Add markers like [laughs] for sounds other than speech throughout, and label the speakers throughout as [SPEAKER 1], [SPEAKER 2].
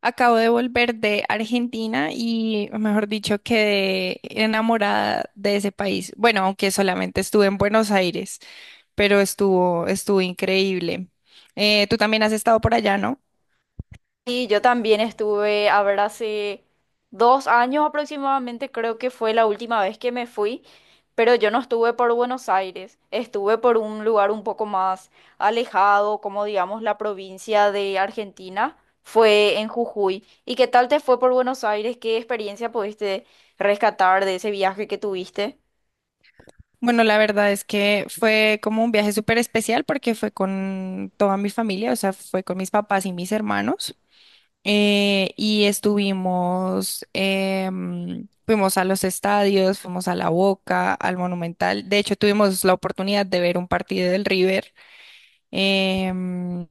[SPEAKER 1] Acabo de volver de Argentina y, mejor dicho, quedé enamorada de ese país. Bueno, aunque solamente estuve en Buenos Aires, pero estuvo increíble. Tú también has estado por allá, ¿no?
[SPEAKER 2] Sí, yo también estuve, a ver, hace 2 años aproximadamente, creo que fue la última vez que me fui, pero yo no estuve por Buenos Aires, estuve por un lugar un poco más alejado, como digamos la provincia de Argentina, fue en Jujuy. ¿Y qué tal te fue por Buenos Aires? ¿Qué experiencia pudiste rescatar de ese viaje que tuviste?
[SPEAKER 1] Bueno, la verdad es que fue como un viaje súper especial porque fue con toda mi familia, o sea, fue con mis papás y mis hermanos. Y estuvimos, fuimos a los estadios, fuimos a La Boca, al Monumental. De hecho, tuvimos la oportunidad de ver un partido del River. Em,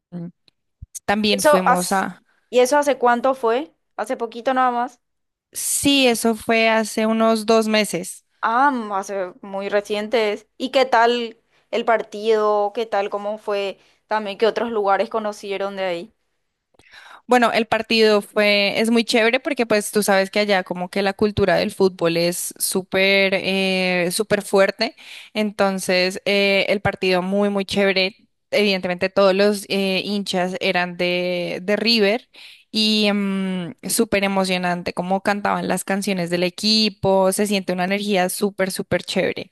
[SPEAKER 1] También
[SPEAKER 2] Eso
[SPEAKER 1] fuimos
[SPEAKER 2] has-
[SPEAKER 1] a...
[SPEAKER 2] ¿Y eso hace cuánto fue? ¿Hace poquito nada más?
[SPEAKER 1] Sí, eso fue hace unos dos meses.
[SPEAKER 2] Ah, hace muy recientes. ¿Y qué tal el partido? ¿Qué tal cómo fue también que otros lugares conocieron de ahí?
[SPEAKER 1] Bueno, el partido fue, es muy chévere porque pues tú sabes que allá como que la cultura del fútbol es súper, súper fuerte. Entonces, el partido muy, muy chévere. Evidentemente todos los hinchas eran de River y súper emocionante como cantaban las canciones del equipo. Se siente una energía súper, súper chévere.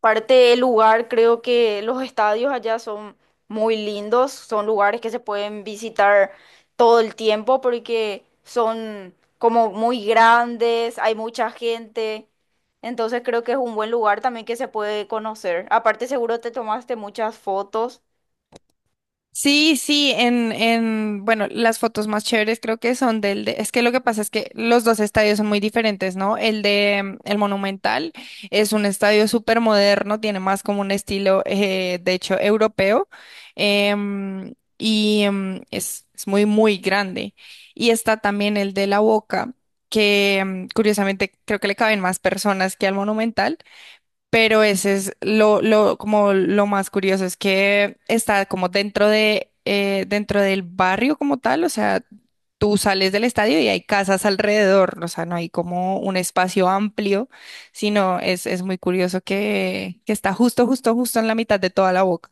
[SPEAKER 2] Parte del lugar, creo que los estadios allá son muy lindos, son lugares que se pueden visitar todo el tiempo porque son como muy grandes, hay mucha gente. Entonces creo que es un buen lugar también que se puede conocer. Aparte seguro te tomaste muchas fotos.
[SPEAKER 1] Sí, sí, bueno, las fotos más chéveres creo que son del de, es que lo que pasa es que los dos estadios son muy diferentes, ¿no? El de, el Monumental es un estadio súper moderno, tiene más como un estilo, de hecho, europeo, em, y es muy, muy grande. Y está también el de La Boca, que curiosamente creo que le caben más personas que al Monumental, pero ese es lo, como lo más curioso, es que está como dentro de, dentro del barrio como tal, o sea, tú sales del estadio y hay casas alrededor, o sea, no hay como un espacio amplio, sino es muy curioso que está justo, justo, justo en la mitad de toda la boca.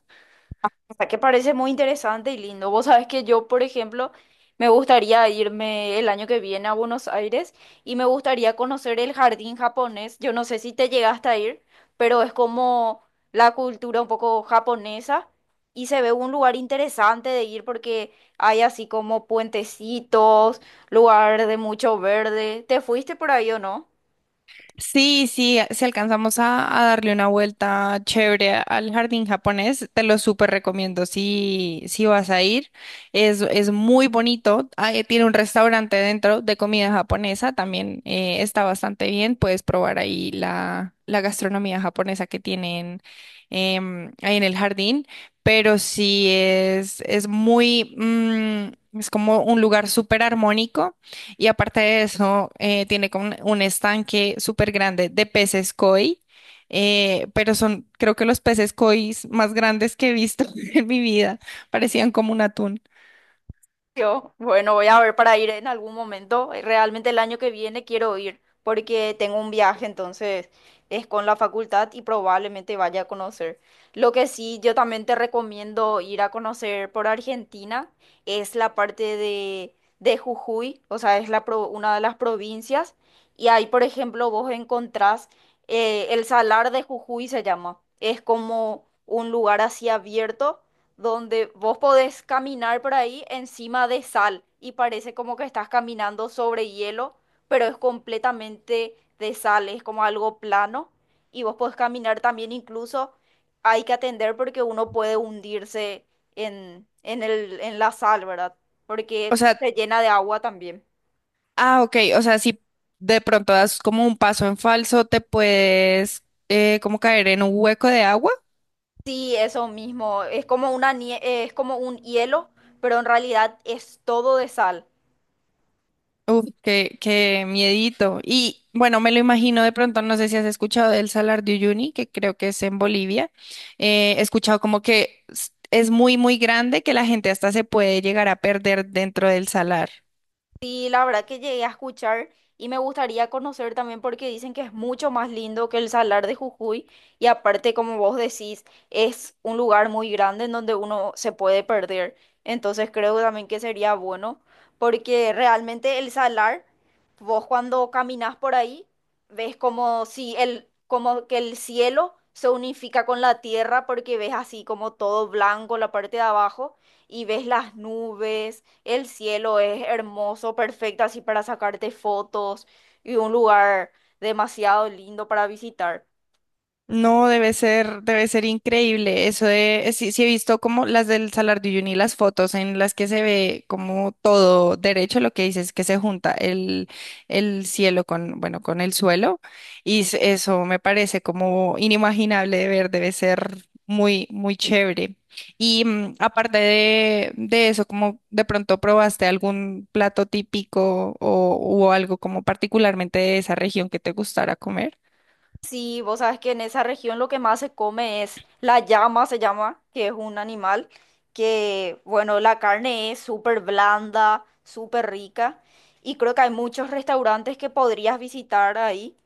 [SPEAKER 2] O sea, que parece muy interesante y lindo. Vos sabés que yo, por ejemplo, me gustaría irme el año que viene a Buenos Aires y me gustaría conocer el jardín japonés. Yo no sé si te llegaste a ir, pero es como la cultura un poco japonesa y se ve un lugar interesante de ir porque hay así como puentecitos, lugar de mucho verde. ¿Te fuiste por ahí o no?
[SPEAKER 1] Sí, sí, si alcanzamos a darle una vuelta chévere al jardín japonés, te lo súper recomiendo si, si vas a ir. Es muy bonito, ah, tiene un restaurante dentro de comida japonesa, también está bastante bien, puedes probar ahí la gastronomía japonesa que tienen ahí en el jardín, pero sí es muy, es como un lugar súper armónico. Y aparte de eso, tiene como un estanque súper grande de peces koi, pero son, creo que los peces koi más grandes que he visto [laughs] en mi vida, parecían como un atún.
[SPEAKER 2] Yo, bueno, voy a ver para ir en algún momento. Realmente el año que viene quiero ir porque tengo un viaje, entonces es con la facultad y probablemente vaya a conocer. Lo que sí, yo también te recomiendo ir a conocer por Argentina, es la parte de, Jujuy, o sea, es la una de las provincias y ahí, por ejemplo, vos encontrás el Salar de Jujuy se llama. Es como un lugar así abierto donde vos podés caminar por ahí encima de sal y parece como que estás caminando sobre hielo, pero es completamente de sal, es como algo plano y vos podés caminar también incluso, hay que atender porque uno puede hundirse en la sal, ¿verdad?
[SPEAKER 1] O
[SPEAKER 2] Porque
[SPEAKER 1] sea,
[SPEAKER 2] se llena de agua también.
[SPEAKER 1] ah, ok, o sea, si de pronto das como un paso en falso, te puedes como caer en un hueco de agua.
[SPEAKER 2] Sí, eso mismo, es como es como un hielo, pero en realidad es todo de sal.
[SPEAKER 1] Uf, qué, qué miedito. Y bueno, me lo imagino de pronto, no sé si has escuchado del Salar de Uyuni, que creo que es en Bolivia. He escuchado como que es muy, muy grande, que la gente hasta se puede llegar a perder dentro del salar.
[SPEAKER 2] Sí, la verdad que llegué a escuchar y me gustaría conocer también porque dicen que es mucho más lindo que el Salar de Jujuy y aparte, como vos decís, es un lugar muy grande en donde uno se puede perder. Entonces creo también que sería bueno porque realmente el Salar, vos cuando caminas por ahí, ves como si el, como que el cielo se unifica con la tierra porque ves así como todo blanco la parte de abajo y ves las nubes, el cielo es hermoso, perfecto, así para sacarte fotos y un lugar demasiado lindo para visitar.
[SPEAKER 1] No, debe ser increíble. Eso de, sí, sí he visto como las del Salar de Uyuni, las fotos en las que se ve como todo derecho, lo que dices que se junta el cielo con, bueno, con el suelo. Y eso me parece como inimaginable de ver, debe ser muy, muy chévere. Y aparte de eso, ¿como de pronto probaste algún plato típico o algo como particularmente de esa región que te gustara comer?
[SPEAKER 2] Sí, vos sabes que en esa región lo que más se come es la llama, se llama, que es un animal que, bueno, la carne es súper blanda, súper rica y creo que hay muchos restaurantes que podrías visitar ahí.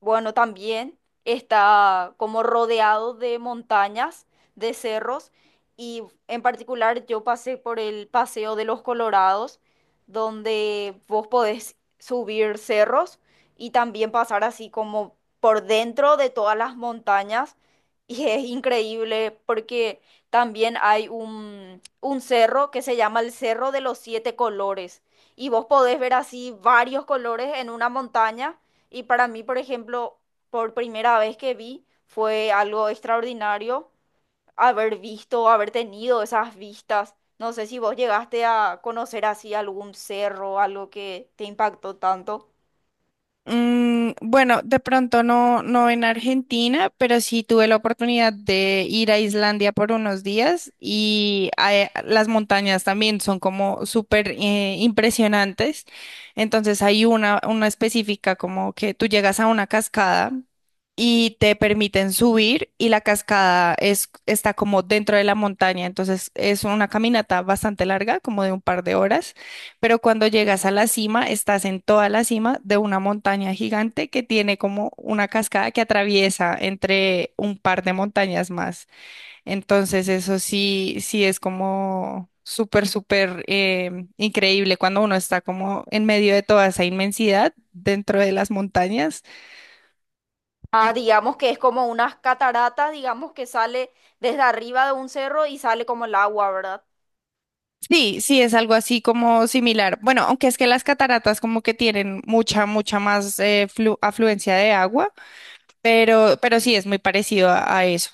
[SPEAKER 2] Bueno, también está como rodeado de montañas, de cerros, y en particular yo pasé por el Paseo de los Colorados, donde vos podés subir cerros y también pasar así como por dentro de todas las montañas. [laughs] Y es increíble porque también hay un cerro que se llama el Cerro de los Siete Colores. Y vos podés ver así varios colores en una montaña y para mí, por ejemplo, por primera vez que vi, fue algo extraordinario haber visto, haber tenido esas vistas. No sé si vos llegaste a conocer así algún cerro, algo que te impactó tanto.
[SPEAKER 1] Bueno, de pronto no, no en Argentina, pero sí tuve la oportunidad de ir a Islandia por unos días y las montañas también son como súper impresionantes. Entonces hay una específica como que tú llegas a una cascada y te permiten subir y la cascada es, está como dentro de la montaña. Entonces es una caminata bastante larga, como de un par de horas, pero cuando llegas a la cima, estás en toda la cima de una montaña gigante que tiene como una cascada que atraviesa entre un par de montañas más. Entonces, eso sí, sí es como súper, súper increíble cuando uno está como en medio de toda esa inmensidad dentro de las montañas.
[SPEAKER 2] Ah, digamos que es como unas cataratas, digamos que sale desde arriba de un cerro y sale como el agua, ¿verdad?
[SPEAKER 1] Sí, sí, es algo así como similar. Bueno, aunque es que las cataratas como que tienen mucha, mucha más afluencia de agua, pero sí es muy parecido a eso.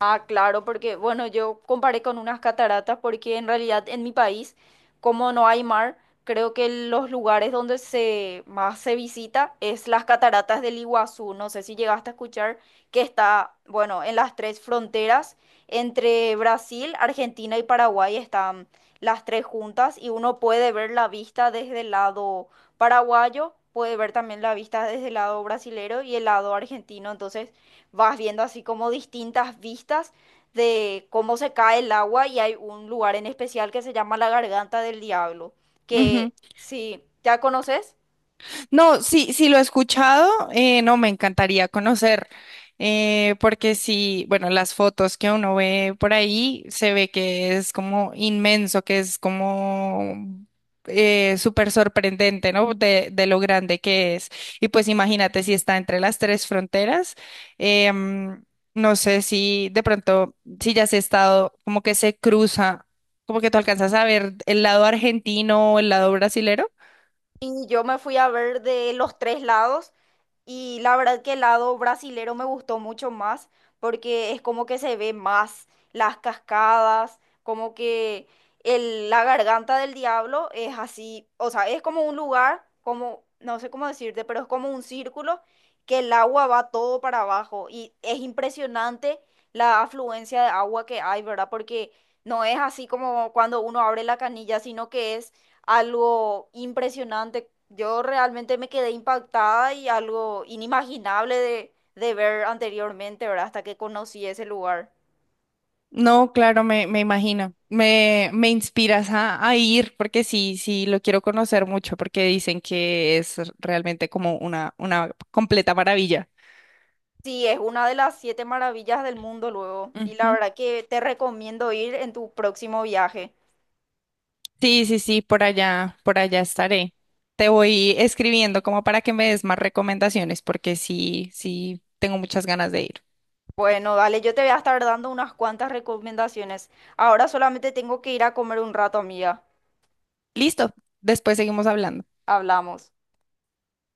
[SPEAKER 2] Ah, claro, porque bueno, yo comparé con unas cataratas porque en realidad en mi país, como no hay mar, creo que los lugares donde se más se visita es las cataratas del Iguazú. No sé si llegaste a escuchar que está, bueno, en las tres fronteras entre Brasil, Argentina y Paraguay están las tres juntas y uno puede ver la vista desde el lado paraguayo, puede ver también la vista desde el lado brasilero y el lado argentino. Entonces, vas viendo así como distintas vistas de cómo se cae el agua y hay un lugar en especial que se llama la Garganta del Diablo, que
[SPEAKER 1] Ujú.
[SPEAKER 2] sí, ¿ya conoces?
[SPEAKER 1] No, sí, sí lo he escuchado, no, me encantaría conocer, porque sí, bueno, las fotos que uno ve por ahí se ve que es como inmenso, que es como súper sorprendente, ¿no? De lo grande que es. Y pues imagínate si está entre las tres fronteras. em, no sé si de pronto, si ya has estado, como que se cruza, como que tú alcanzas a ver el lado argentino o el lado brasilero.
[SPEAKER 2] Y yo me fui a ver de los tres lados. Y la verdad que el lado brasilero me gustó mucho más porque es como que se ve más las cascadas, como que el, la garganta del diablo es así, o sea, es como un lugar, como, no sé cómo decirte, pero es como un círculo que el agua va todo para abajo y es impresionante la afluencia de agua que hay, ¿verdad? Porque no es así como cuando uno abre la canilla, sino que es algo impresionante. Yo realmente me quedé impactada y algo inimaginable de, ver anteriormente, ¿verdad? Hasta que conocí ese lugar.
[SPEAKER 1] No, claro, me imagino. Me inspiras a ir porque sí, sí, lo quiero conocer mucho porque dicen que es realmente como una completa maravilla.
[SPEAKER 2] Sí, es una de las siete maravillas del mundo luego. Y la
[SPEAKER 1] Ujú.
[SPEAKER 2] verdad que te recomiendo ir en tu próximo viaje.
[SPEAKER 1] Sí, sí, sí, por allá estaré. Te voy escribiendo como para que me des más recomendaciones porque sí, sí, tengo muchas ganas de ir.
[SPEAKER 2] Bueno, dale, yo te voy a estar dando unas cuantas recomendaciones. Ahora solamente tengo que ir a comer un rato, amiga.
[SPEAKER 1] Listo, después seguimos hablando.
[SPEAKER 2] Hablamos.